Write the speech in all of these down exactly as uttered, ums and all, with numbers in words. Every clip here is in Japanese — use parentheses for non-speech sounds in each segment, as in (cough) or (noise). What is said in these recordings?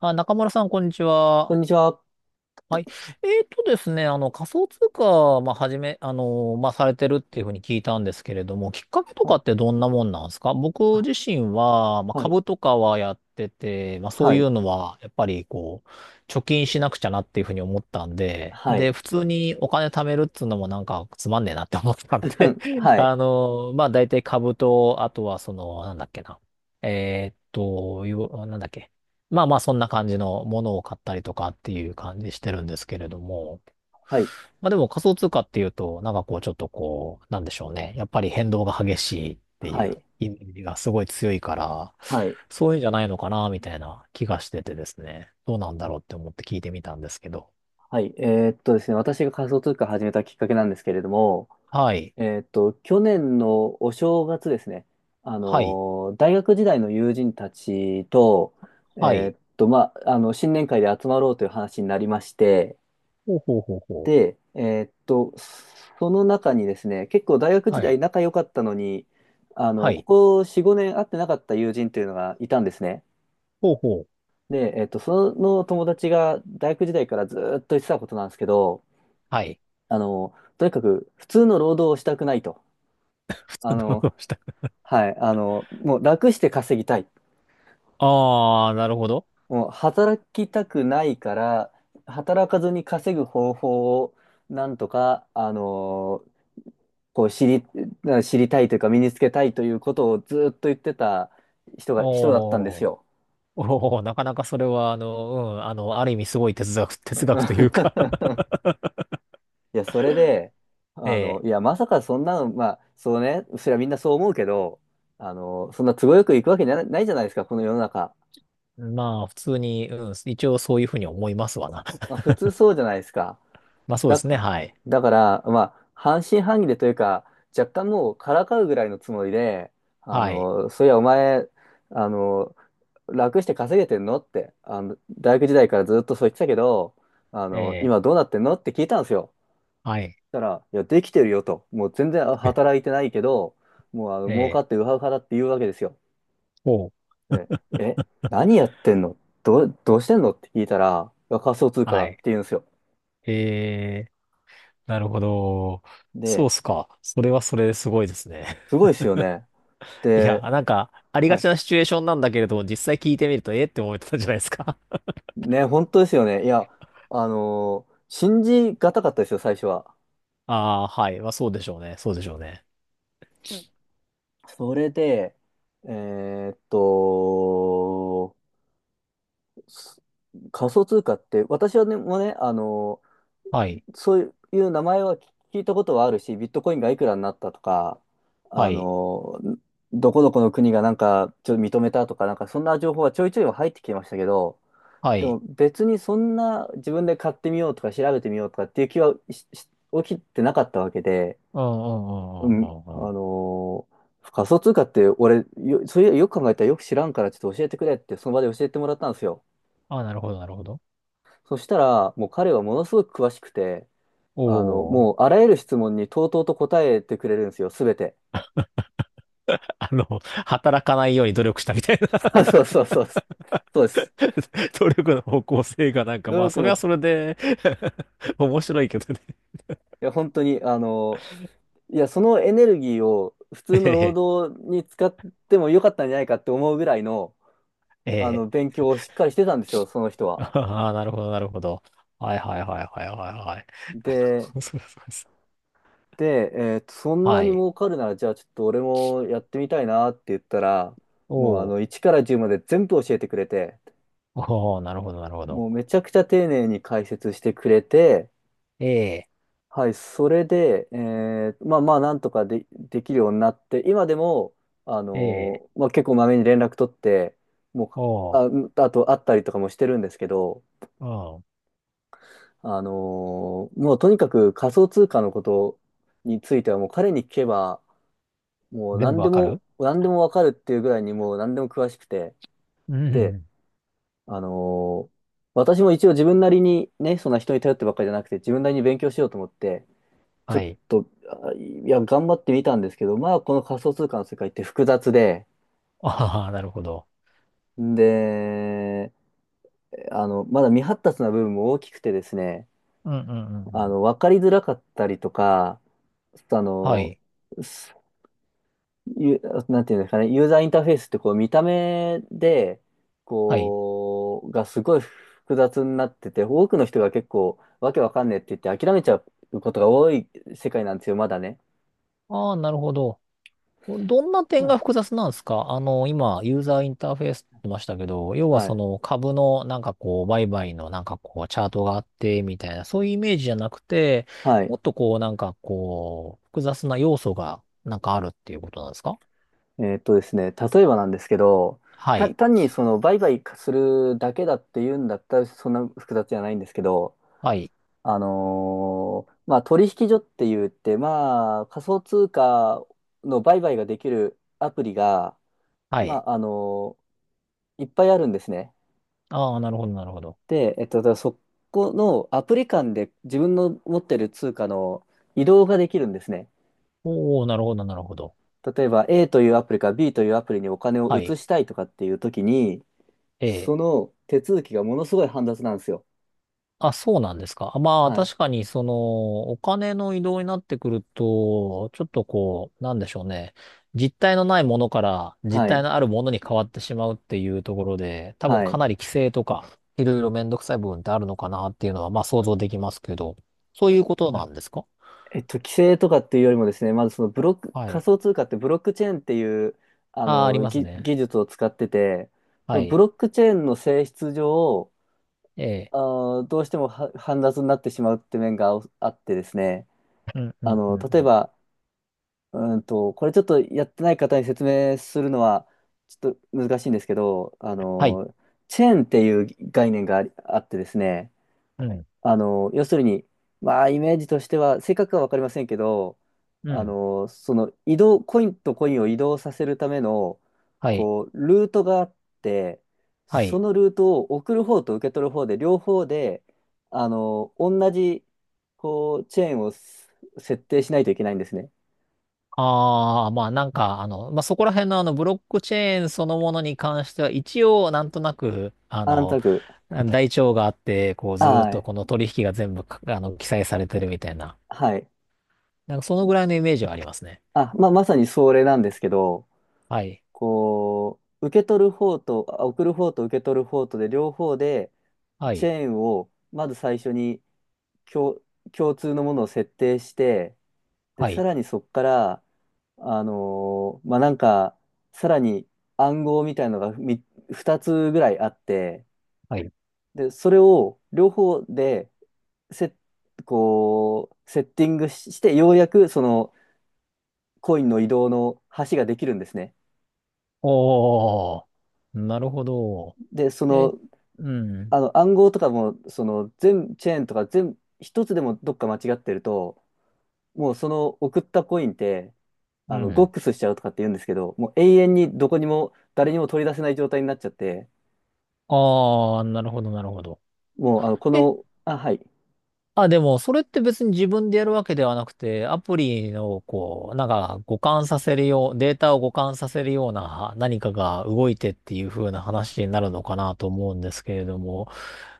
あ、中村さん、こんにちこは。んにちは。はい。えーとですね、あの、仮想通貨、まあ、はじめ、あの、まあ、されてるっていうふうに聞いたんですけれども、きっかけとはかい。ってどんなもんなんですか？僕自身は、まあ、はい。株とかはやってて、まあ、そはういい。うのは、やっぱり、こう、貯金しなくちゃなっていうふうに思ったんで、はい。で、普通にお金貯めるっつうのもなんかつまんねえなって思ったんで (laughs) (laughs) はい。あの、まあ、大体株と、あとは、その、なんだっけな。えーっと、よなんだっけ。まあまあ、そんな感じのものを買ったりとかっていう感じしてるんですけれども。はい。まあでも仮想通貨っていうと、なんかこうちょっとこう、なんでしょうね。やっぱり変動が激しいってはいうい。イメージがすごい強いから、はい。そういうんじゃないのかな、みたいな気がしててですね。どうなんだろうって思って聞いてみたんですけど。はい。えーっとですね、私が仮想通貨を始めたきっかけなんですけれども、はい。えーっと、去年のお正月ですね、あはい。のー、大学時代の友人たちと、えはーい。っと、まあ、あの、新年会で集まろうという話になりまして、ほうほうほうほう。で、えーっと、その中にですね、結構大学時は代い。仲良かったのに、あはの、こい。こよん、ごねん会ってなかった友人というのがいたんですね。ほうほう。で、えっと、その友達が大学時代からずーっと言ってたことなんですけど、はい。あの、とにかく普通の労働をしたくないと。(laughs) 普通あのの、どうした。はい、あの、もう楽して稼ぎたい。ああー、なるほど。もう働きたくないから、働かずに稼ぐ方法をなんとか、あの、こう知り、知りたいというか身につけたいということをずーっと言ってた人が、人だったんですおー。よ。おお、なかなかそれは、あの、うん、あの、ある意味すごい哲学、(laughs) 哲学というか (laughs) (laughs) いや、それで、えあの、いえ。や、まさかそんなの、まあ、そうね、それはみんなそう思うけど、あの、そんな都合よくいくわけな、ないじゃないですか、この世の中。まあ、普通に、うん、一応そういうふうに思いますわな。まあ、(laughs) 普通そうじゃないですか。まあ、そうでだ、すね。はい。だから、まあ、半信半疑でというか、若干もうからかうぐらいのつもりで、あはい。の、そういや、お前、あの、楽して稼げてんのって、あの、大学時代からずっとそう言ってたけど、あえの、え。今どうなってんのって聞いたんですよ。はい。たら、いや、できてるよと。もう全然 (laughs) 働いてないけど、もうあのえ儲かってえ。ウハウハだって言うわけですよ。おう。ね、え、何やってんのどう、どうしてんのって聞いたら、いや仮想通貨はだってい。言うんですよ。ええ。なるほど。そうっで、すか。それはそれですごいですね。すご (laughs) いですよね。いや、で、なんか、ありはがちい。なシチュエーションなんだけれど、実際聞いてみると、ええって思ってたじゃないですか。ね、本当ですよね。いや、あのー信じがたかったですよ、最初は。(laughs) ああ、はい。まあ、そうでしょうね。そうでしょうね。それで、えーっと、す仮想通貨って、私はね、もうね、あのはい。そういう名前は聞いたことはあるし、ビットコインがいくらになったとか、はあい。の、どこどこの国がなんかちょっと認めたとか、なんかそんな情報はちょいちょいは入ってきてましたけど、はでい。も別にそんな自分で買ってみようとか調べてみようとかっていう気はしし起きてなかったわけで、うんうんううんうん、んうあんうん。のー仮想通貨って俺、よ、そういうよく考えたらよく知らんからちょっと教えてくれってその場で教えてもらったんですよ。ああ、なるほど、なるほど。そしたらもう彼はものすごく詳しくて、おあの、お。もう、あらゆる質問にとうとうと答えてくれるんですよ、すべて。(laughs) あの、働かないように努力したみたいな。 (laughs) あそうそうそう、そうです。(laughs) 努力の方向性がなんか、努まあ、力それはの、それで (laughs) 面白いけどね。 いや、本当に、あの、いや、そのエネルギーを普通 (laughs) えの労え、働に使ってもよかったんじゃないかって思うぐらいの、えあの、え。勉強をしっかりしてたんですよ、その人 (laughs) は。ああ、なるほど、なるほど。はいはいはいはいはいはい。(laughs) なるで、ほど、そうですそうです。で、えーとそんなはにい。儲かるなら、じゃあちょっと俺もやってみたいなって言ったら、おもうあお。の、いちからじゅうまで全部教えてくれて、おお、なるほど、なるほもど。うめちゃくちゃ丁寧に解説してくれて、ええ、はい、それで、えーまあまあ、なんとかで、できるようになって、今でも、あええ、のーまあ、結構まめに連絡取って、もおう、あ、あと会ったりとかもしてるんですけど、お、うあのーもうとにかく仮想通貨のことについては、もう彼に聞けば、もん。う全部何でわかも、る。何でもわかるっていうぐらいにもう何でも詳しくて、うで、ん。あのー私も一応自分なりにね、そんな人に頼ってばっかりじゃなくて、自分なりに勉強しようと思って、ちょはっい。と、あいや、頑張ってみたんですけど、まあ、この仮想通貨の世界って複雑で、(laughs) ああ、なるほど。で、あの、まだ未発達な部分も大きくてですね、うんうんうんうあん。の、わかりづらかったりとか、あはの、い。すゆなんていうんですかね、ユーザーインターフェースってこう見た目で、はい。こう、がすごい複雑になってて、多くの人が結構わけわかんねえって言って諦めちゃうことが多い世界なんですよ、まだね。ああ、なるほど。どんなう点ん。が複雑なんですか？あの、今、ユーザーインターフェースって言いましたけど、要ははそい。の株のなんかこう、売買のなんかこう、チャートがあって、みたいな、そういうイメージじゃなくて、はもい。っとこう、なんかこう、複雑な要素がなんかあるっていうことなんですか？えーっとですね、例えばなんですけど、はたい。単にその売買するだけだっていうんだったらそんな複雑じゃないんですけど、はい。あのーまあ、取引所って言って、まあ、仮想通貨の売買ができるアプリが、はまい。あ、あのーいっぱいあるんですね。ああ、なるほど、なるほど。で、えっと、だからそこのアプリ間で自分の持ってる通貨の移動ができるんですね。おお、なるほど、なるほど。例えば A というアプリから B というアプリにお金をは移い。したいとかっていう時に、ええ。その手続きがものすごい煩雑なんですよ。あ、そうなんですか？あまあ、はい。確かに、その、お金の移動になってくると、ちょっとこう、なんでしょうね。実体のないものから実は体い。のあるものに変わってしまうっていうところで、多分はかい。なり規制とか、いろいろめんどくさい部分ってあるのかなっていうのは、まあ想像できますけど、そういうことなあんですか？えっと、規制とかっていうよりもですね、まずそのブロック、は仮い。想通貨ってブロックチェーンっていう、あああ、ありの、ます技、ね。技術を使ってて、そはのブい。ロックチェーンの性質上、ええ。あー、どうしてもは煩雑になってしまうって面があってですね、うん、うあん、うん、の、例えうん。ば、うーんと、これちょっとやってない方に説明するのは、ちょっと難しいんですけど、あはい。の、チェーンっていう概念がありあってですね、うん、あの、要するに、まあ、イメージとしては、正確かは分かりませんけど、うあん。の、その移動、コインとコインを移動させるための、はい。こう、ルートがあって、はそい。のルートを送る方と受け取る方で、両方で、あの、同じ、こう、チェーンをす設定しないといけないんですね。ああ、まあなんか、あの、まあそこら辺のあのブロックチェーンそのものに関しては一応なんとなく、あ安の、卓。台帳があって、こうずーっはとい。この取引が全部か、あの、記載されてるみたいな。はい。なんかそのぐらいのイメージはありますね。あ、まあ、まさにそれなんですけど、はい。こう、受け取る方と、あ送る方と受け取る方とで、両方で、はチい。ェーンをまず最初に共、共通のものを設定して、で、はさい。らにそこから、あのーまあ、なんか、さらに暗号みたいのがみふたつぐらいあって、はい。で、それを両方でセ、こう、セッティングしして、ようやくそのコインの移動の橋ができるんですね。おー。なるほど。で、そえ、の、うん。あの暗号とかも、その全、チェーンとか全、一つでもどっか間違ってると、もうその送ったコインってうあの、ゴッん。クスしちゃうとかって言うんですけど、もう永遠にどこにも、誰にも取り出せない状態になっちゃって、ああ、なるほど、なるほど。もう、あの、こえ、の、あ、はい。あ、でも、それって別に自分でやるわけではなくて、アプリの、こう、なんか、互換させるよう、データを互換させるような何かが動いてっていう風な話になるのかなと思うんですけれども、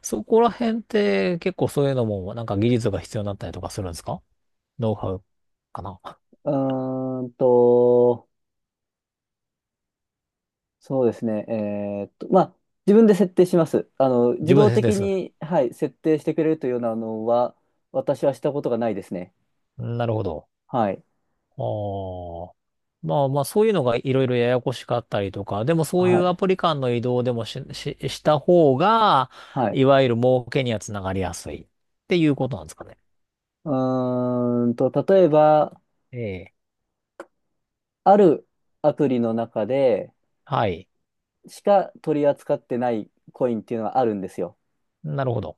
そこら辺って結構そういうのも、なんか技術が必要になったりとかするんですか？ノウハウかな。うーんと、そうですね。えーっと、まあ、自分で設定します。あの、自自分動ですで的すよね。に、はい、設定してくれるというようなのは、私はしたことがないですね。なるほど。はい。ああ。まあまあ、そういうのがいろいろややこしかったりとか、でもそういはうアい。プリ間の移動でもし、し、した方が、はい。いわゆる儲けにはつながりやすいっていうことなんですかね。うーんと、例えば、ええ。あるアプリの中ではい。しか取り扱ってないコインっていうのはあるんですよ。なるほど。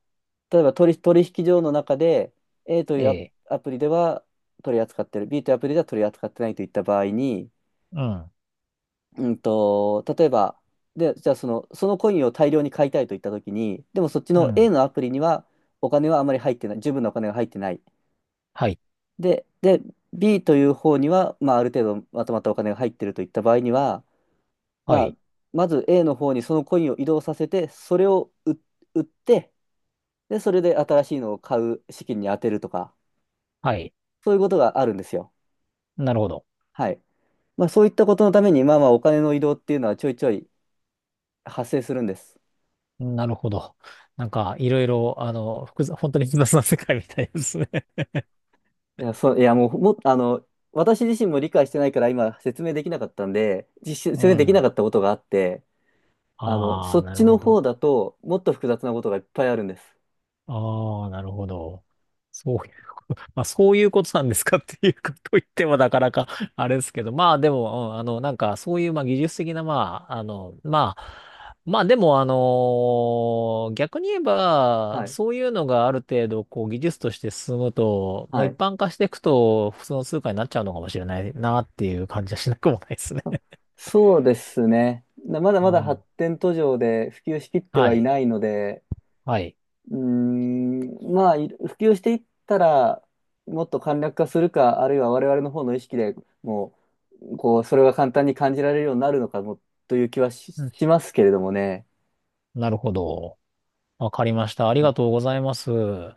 例えば取引、取引所の中で A とえいうえ。ア、アプリでは取り扱ってる B というアプリでは取り扱ってないといった場合に、うん。うんと、例えばでじゃあその、そのコインを大量に買いたいといったときにでもそっちうの A ん。のアプリにはお金はあまり入ってない十分なお金が入ってないはい。で、で B という方には、まあ、ある程度まとまったお金が入ってるといった場合には、はまあ、い。まず A の方にそのコインを移動させてそれを売売ってでそれで新しいのを買う資金に充てるとか。はい。そういうことがあるんですよ。なるほど。はい。まあ、そういったことのために、まあまあ、お金の移動っていうのはちょいちょい発生するんです。なるほど。なんか、いろいろ、あの、複雑、本当に複雑な世界みたいですね。いや、そう、いや、もう、も、あの、私自身も理解してないから今説明できなかったんで、実う説明できなん。かったことがあって、あの、あそあ、っなるちのほど。方だと、もっと複雑なことがいっぱいあるんです。ああ、なるほど。そう、まあ、そういうことなんですかっていうこと言ってもなかなか (laughs) あれですけど、まあでも、うんあの、なんかそういう、まあ技術的な、まあ、あの、まあ、まあでも、あの逆に言えば、はい。そういうのがある程度、こう、技術として進むと、まあは一い。般化していくと、普通の通貨になっちゃうのかもしれないなっていう感じはしなくもないですね。そうですね。なまだうまだ発ん。展途上で普及しきってははいい。ないので、はい。うーん、まあ、い普及していったら、もっと簡略化するか、あるいは我々の方の意識でもう、こう、それが簡単に感じられるようになるのかも、という気はし、うん。しますけれどもね。なるほど。わかりました。ありがとうございます。